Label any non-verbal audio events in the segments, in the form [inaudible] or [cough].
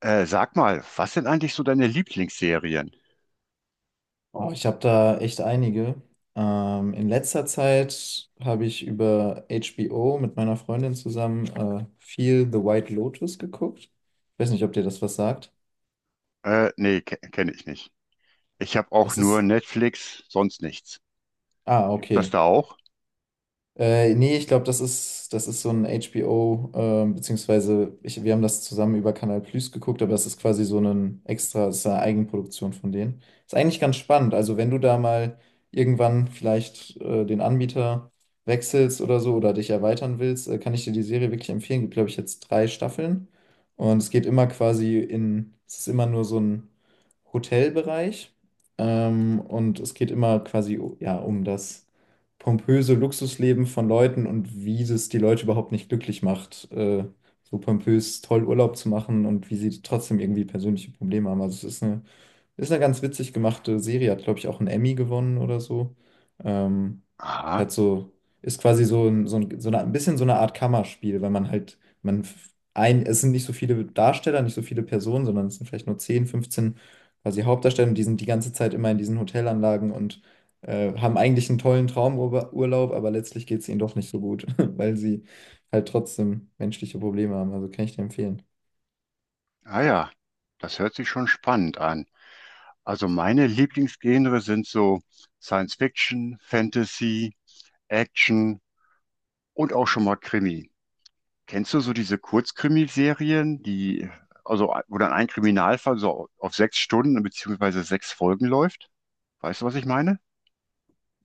Sag mal, was sind eigentlich so deine Lieblingsserien? Oh, ich habe da echt einige. In letzter Zeit habe ich über HBO mit meiner Freundin zusammen viel The White Lotus geguckt. Ich weiß nicht, ob dir das was sagt. Nee, ke kenne ich nicht. Ich habe auch Das nur ist. Netflix, sonst nichts. Ah, Gibt das okay. da auch? Nee, ich glaube, das ist so ein HBO, beziehungsweise ich, wir haben das zusammen über Canal Plus geguckt, aber das ist quasi so ein extra, das ist eine Eigenproduktion von denen. Ist eigentlich ganz spannend. Also wenn du da mal irgendwann vielleicht den Anbieter wechselst oder so oder dich erweitern willst, kann ich dir die Serie wirklich empfehlen. Gibt, glaube ich, jetzt drei Staffeln und es geht immer quasi es ist immer nur so ein Hotelbereich, und es geht immer quasi ja, um das pompöse Luxusleben von Leuten und wie das die Leute überhaupt nicht glücklich macht, so pompös toll Urlaub zu machen und wie sie trotzdem irgendwie persönliche Probleme haben. Also es ist eine Ist eine ganz witzig gemachte Serie, hat, glaube ich, auch einen Emmy gewonnen oder so. Ähm, Aha. Hat so, ist quasi so, ein bisschen so eine Art Kammerspiel, weil man halt, es sind nicht so viele Darsteller, nicht so viele Personen, sondern es sind vielleicht nur 10, 15 quasi Hauptdarsteller und die sind die ganze Zeit immer in diesen Hotelanlagen und haben eigentlich einen tollen Traumurlaub, aber letztlich geht es ihnen doch nicht so gut, [laughs] weil sie halt trotzdem menschliche Probleme haben. Also kann ich dir empfehlen. Ah ja, das hört sich schon spannend an. Also meine Lieblingsgenre sind so Science Fiction, Fantasy, Action und auch schon mal Krimi. Kennst du so diese Kurzkrimiserien, die also wo dann ein Kriminalfall so auf sechs Stunden beziehungsweise sechs Folgen läuft? Weißt du, was ich meine?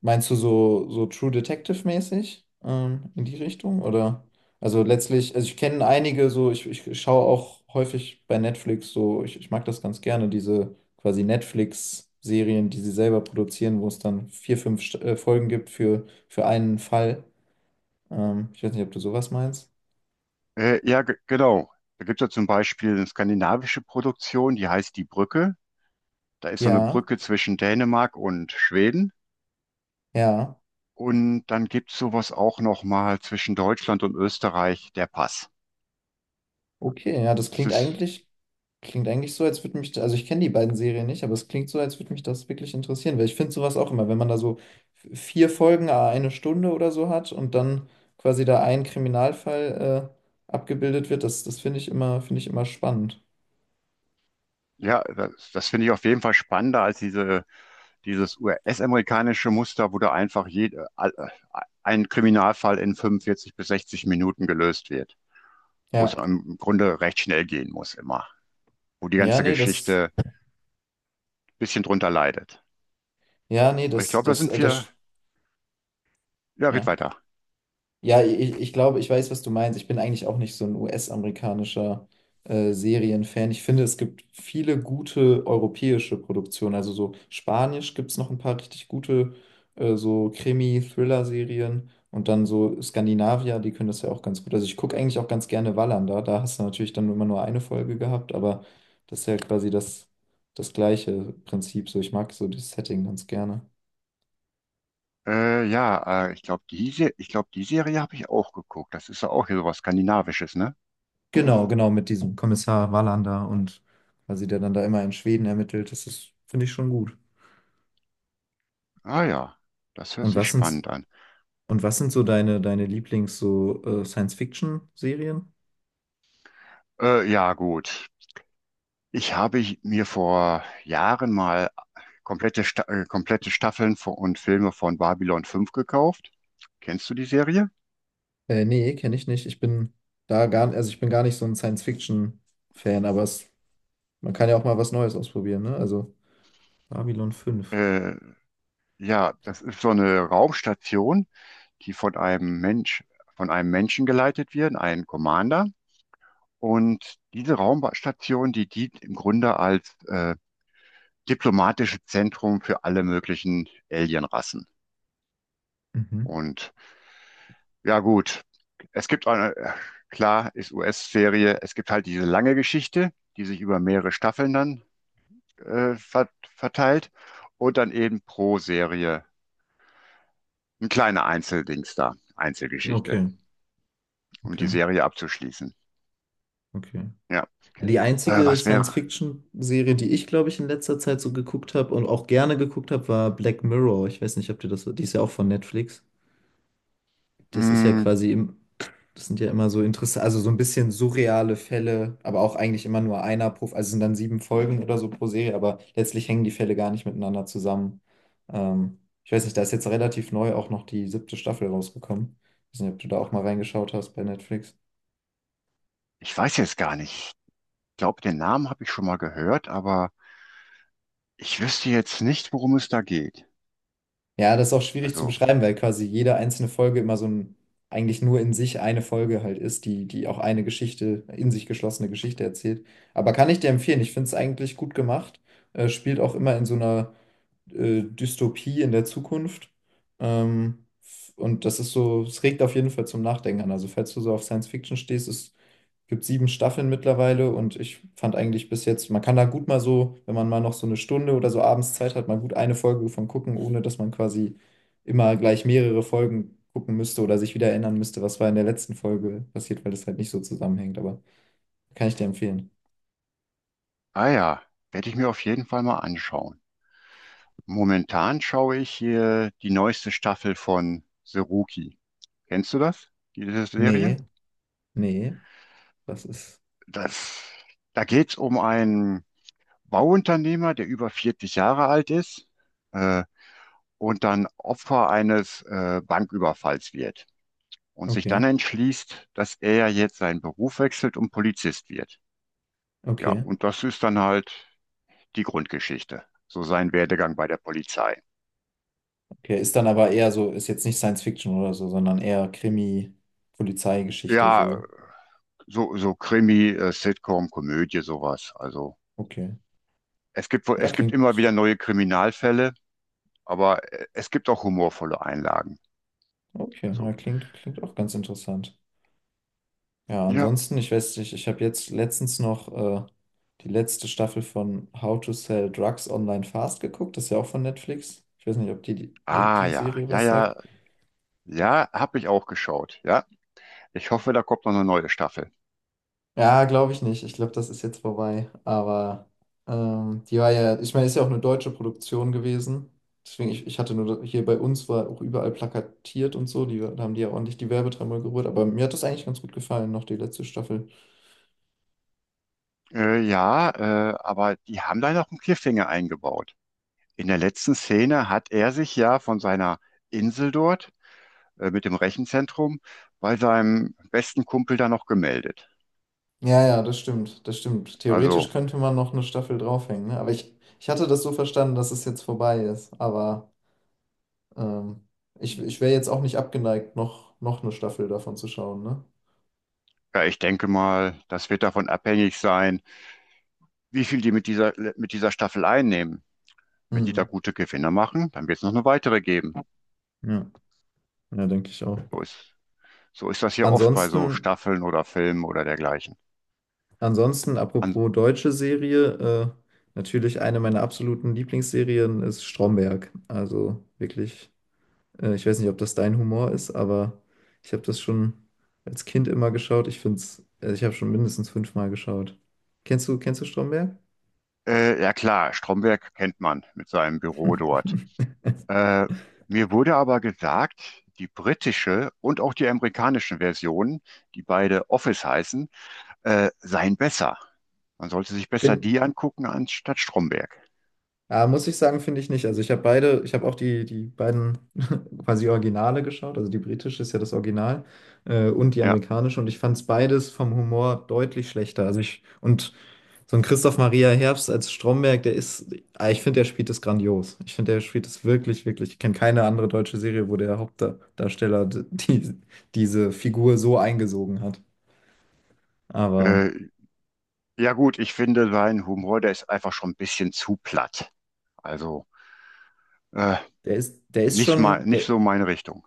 Meinst du so, so True Detective-mäßig in die Richtung? Oder? Also ich kenne einige so, ich schaue auch häufig bei Netflix so, ich mag das ganz gerne, diese quasi Netflix-Serien, die sie selber produzieren, wo es dann vier, fünf Folgen gibt für einen Fall. Ich weiß nicht, ob du sowas meinst. Ja, genau. Da gibt es ja zum Beispiel eine skandinavische Produktion, die heißt Die Brücke. Da ist so eine Ja, Brücke zwischen Dänemark und Schweden. ja. Und dann gibt es sowas auch nochmal zwischen Deutschland und Österreich, der Pass. Okay, ja, Das ist, klingt eigentlich so, also ich kenne die beiden Serien nicht, aber es klingt so, als würde mich das wirklich interessieren, weil ich finde sowas auch immer, wenn man da so vier Folgen, à eine Stunde oder so hat und dann quasi da ein Kriminalfall abgebildet wird, das finde ich immer spannend. ja, das, das finde ich auf jeden Fall spannender als dieses US-amerikanische Muster, wo da einfach ein Kriminalfall in 45 bis 60 Minuten gelöst wird, wo es Ja, im Grunde recht schnell gehen muss immer. Wo die ja, ganze nee, das, Geschichte bisschen drunter leidet. ja, nee, Ich das, glaube, da das, sind wir. das, Ja, red ja. weiter. Ja, ich glaube, ich weiß, was du meinst. Ich bin eigentlich auch nicht so ein US-amerikanischer Serienfan. Ich finde, es gibt viele gute europäische Produktionen. Also so Spanisch gibt es noch ein paar richtig gute so Krimi-Thriller-Serien. Und dann so Skandinavier, die können das ja auch ganz gut. Also ich gucke eigentlich auch ganz gerne Wallander. Da hast du natürlich dann immer nur eine Folge gehabt, aber das ist ja quasi das gleiche Prinzip. So, ich mag so das Setting ganz gerne. Ja, ich glaube, ich glaub, die Serie habe ich auch geguckt. Das ist ja auch hier sowas Skandinavisches, ne? Genau, genau, mit diesem Kommissar Wallander und quasi der dann da immer in Schweden ermittelt. Das ist, finde ich schon gut. Ah ja, das hört Und sich was sind, spannend an. und was sind so deine Lieblings so Science-Fiction-Serien? Ja, gut. Ich habe mir vor Jahren mal komplette Staffeln von, und Filme von Babylon fünf gekauft. Kennst du die Serie? Nee, kenne ich nicht. Ich bin da gar, also ich bin gar nicht so ein Science-Fiction-Fan, aber es, man kann ja auch mal was Neues ausprobieren, ne? Also Babylon fünf. Äh, ja, das ist so eine Raumstation, die von einem Mensch, von einem Menschen geleitet wird, einem Commander. Und diese Raumstation, die dient im Grunde als diplomatisches Zentrum für alle möglichen Alienrassen. Mhm. Und ja gut, es gibt klar, ist US-Serie, es gibt halt diese lange Geschichte, die sich über mehrere Staffeln dann äh, ver verteilt und dann eben pro Serie ein kleiner Einzeldings da, Einzelgeschichte, Okay, um die okay, Serie abzuschließen. okay. Ja, Die äh, einzige was wäre, Science-Fiction-Serie, die ich, glaube ich, in letzter Zeit so geguckt habe und auch gerne geguckt habe, war Black Mirror. Ich weiß nicht, ob dir die ist ja auch von Netflix. Das ist ja hm, quasi im, das sind ja immer so interessant, also so ein bisschen surreale Fälle, aber auch eigentlich immer nur einer pro, also es sind dann sieben Folgen oder so pro Serie, aber letztlich hängen die Fälle gar nicht miteinander zusammen. Ähm, Ich weiß nicht, da ist jetzt relativ neu auch noch die siebte Staffel rausgekommen. Ich weiß nicht, ob du da auch mal reingeschaut hast bei Netflix. ich weiß jetzt gar nicht. Ich glaube, den Namen habe ich schon mal gehört, aber ich wüsste jetzt nicht, worum es da geht. Ja, das ist auch schwierig zu Also, beschreiben, weil quasi jede einzelne Folge immer eigentlich nur in sich eine Folge halt ist, die auch in sich geschlossene Geschichte erzählt. Aber kann ich dir empfehlen, ich finde es eigentlich gut gemacht. Spielt auch immer in so einer Dystopie in der Zukunft. Und das ist so, es regt auf jeden Fall zum Nachdenken an. Also falls du so auf Science Fiction stehst, ist Gibt sieben Staffeln mittlerweile und ich fand eigentlich bis jetzt, man kann da gut mal so, wenn man mal noch so eine Stunde oder so abends Zeit hat, mal gut eine Folge von gucken, ohne dass man quasi immer gleich mehrere Folgen gucken müsste oder sich wieder erinnern müsste, was war in der letzten Folge passiert, weil das halt nicht so zusammenhängt. Aber kann ich dir empfehlen. ah ja, werde ich mir auf jeden Fall mal anschauen. Momentan schaue ich hier die neueste Staffel von The Rookie. Kennst du das? Diese Serie? Nee, nee, das ist. Das, da geht's um einen Bauunternehmer, der über 40 Jahre alt ist, äh, und dann Opfer eines, Banküberfalls wird und sich Okay, dann entschließt, dass er jetzt seinen Beruf wechselt und Polizist wird. Ja, okay. und das ist dann halt die Grundgeschichte, so sein Werdegang bei der Polizei. Okay, ist dann aber eher so, ist jetzt nicht Science Fiction oder so, sondern eher Krimi, Polizeigeschichte, Ja, so. so, so Krimi, Sitcom, Komödie, sowas. Also Okay. es gibt, wohl- Ja, es gibt immer klingt. wieder neue Kriminalfälle, aber es gibt auch humorvolle Einlagen. Okay, ja, Also, klingt, klingt auch ganz interessant. Ja, ja, ansonsten, ich weiß nicht, ich habe jetzt letztens noch die letzte Staffel von How to Sell Drugs Online Fast geguckt. Das ist ja auch von Netflix. Ich weiß nicht, ob die, ah die ja, Serie ja, was ja, sagt. ja, habe ich auch geschaut. Ja, ich hoffe, da kommt noch eine neue Staffel. Ja, glaube ich nicht. Ich glaube, das ist jetzt vorbei. Aber die war ja, ich meine, ist ja auch eine deutsche Produktion gewesen. Deswegen, ich hatte nur, hier bei uns war auch überall plakatiert und so. Die, da haben die ja ordentlich die Werbetreibung gerührt. Aber mir hat das eigentlich ganz gut gefallen, noch die letzte Staffel. Ja, aber die haben da noch einen Cliffhanger eingebaut. In der letzten Szene hat er sich ja von seiner Insel dort mit dem Rechenzentrum bei seinem besten Kumpel da noch gemeldet. Ja, ja, das stimmt, das stimmt. Also, Theoretisch könnte man noch eine Staffel draufhängen, ne? Ich hatte das so verstanden, dass es jetzt vorbei ist. Aber ähm, ich wäre jetzt auch nicht abgeneigt, noch eine Staffel davon zu schauen, ne? ja, ich denke mal, das wird davon abhängig sein, wie viel die mit mit dieser Staffel einnehmen. Wenn die da Mhm. gute Gewinne machen, dann wird es noch eine weitere geben. Ja, ja, denke ich auch. So ist, so ist das hier oft bei so Ansonsten, Staffeln oder Filmen oder dergleichen. ansonsten, An, apropos deutsche Serie, äh, natürlich eine meiner absoluten Lieblingsserien ist Stromberg. Also wirklich Ich weiß nicht, ob das dein Humor ist, aber ich habe das schon als Kind immer geschaut. Also ich habe schon mindestens fünfmal geschaut. Kennst du Stromberg? Ja klar, Stromberg kennt man mit seinem Büro dort. [laughs] Äh, Mir wurde aber gesagt, die britische und auch die amerikanische Version, die beide Office heißen, seien besser. Man sollte sich besser Bin, die angucken anstatt Stromberg. ah, muss ich sagen, finde ich nicht. Ich habe auch die beiden [laughs] quasi Originale geschaut. Also die britische ist ja das Original und die Ja, amerikanische. Und ich fand es beides vom Humor deutlich schlechter. Also ich, und So ein Christoph Maria Herbst als Stromberg, ah, ich finde, der spielt das grandios. Ich finde, der spielt das wirklich, wirklich. Ich kenne keine andere deutsche Serie, wo der Hauptdarsteller die, diese Figur so eingesogen hat. Aber äh, ja gut, ich finde sein Humor, der ist einfach schon ein bisschen zu platt. Also äh, der ist nicht mal, schon, nicht der, so meine Richtung.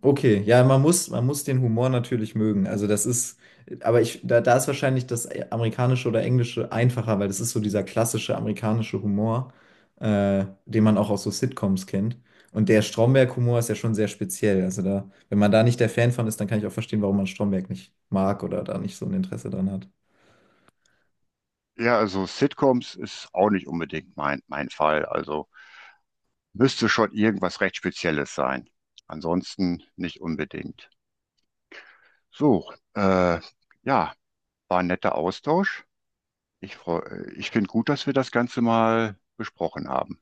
okay, ja, man muss den Humor natürlich mögen. Aber ich, da ist wahrscheinlich das amerikanische oder englische einfacher, weil das ist so dieser klassische amerikanische Humor, den man auch aus so Sitcoms kennt. Und der Stromberg-Humor ist ja schon sehr speziell. Also da, wenn man da nicht der Fan von ist, dann kann ich auch verstehen, warum man Stromberg nicht mag oder da nicht so ein Interesse dran hat. Ja, also Sitcoms ist auch nicht unbedingt mein Fall. Also müsste schon irgendwas recht Spezielles sein. Ansonsten nicht unbedingt. So, äh, ja, war ein netter Austausch. Ich finde gut, dass wir das Ganze mal besprochen haben.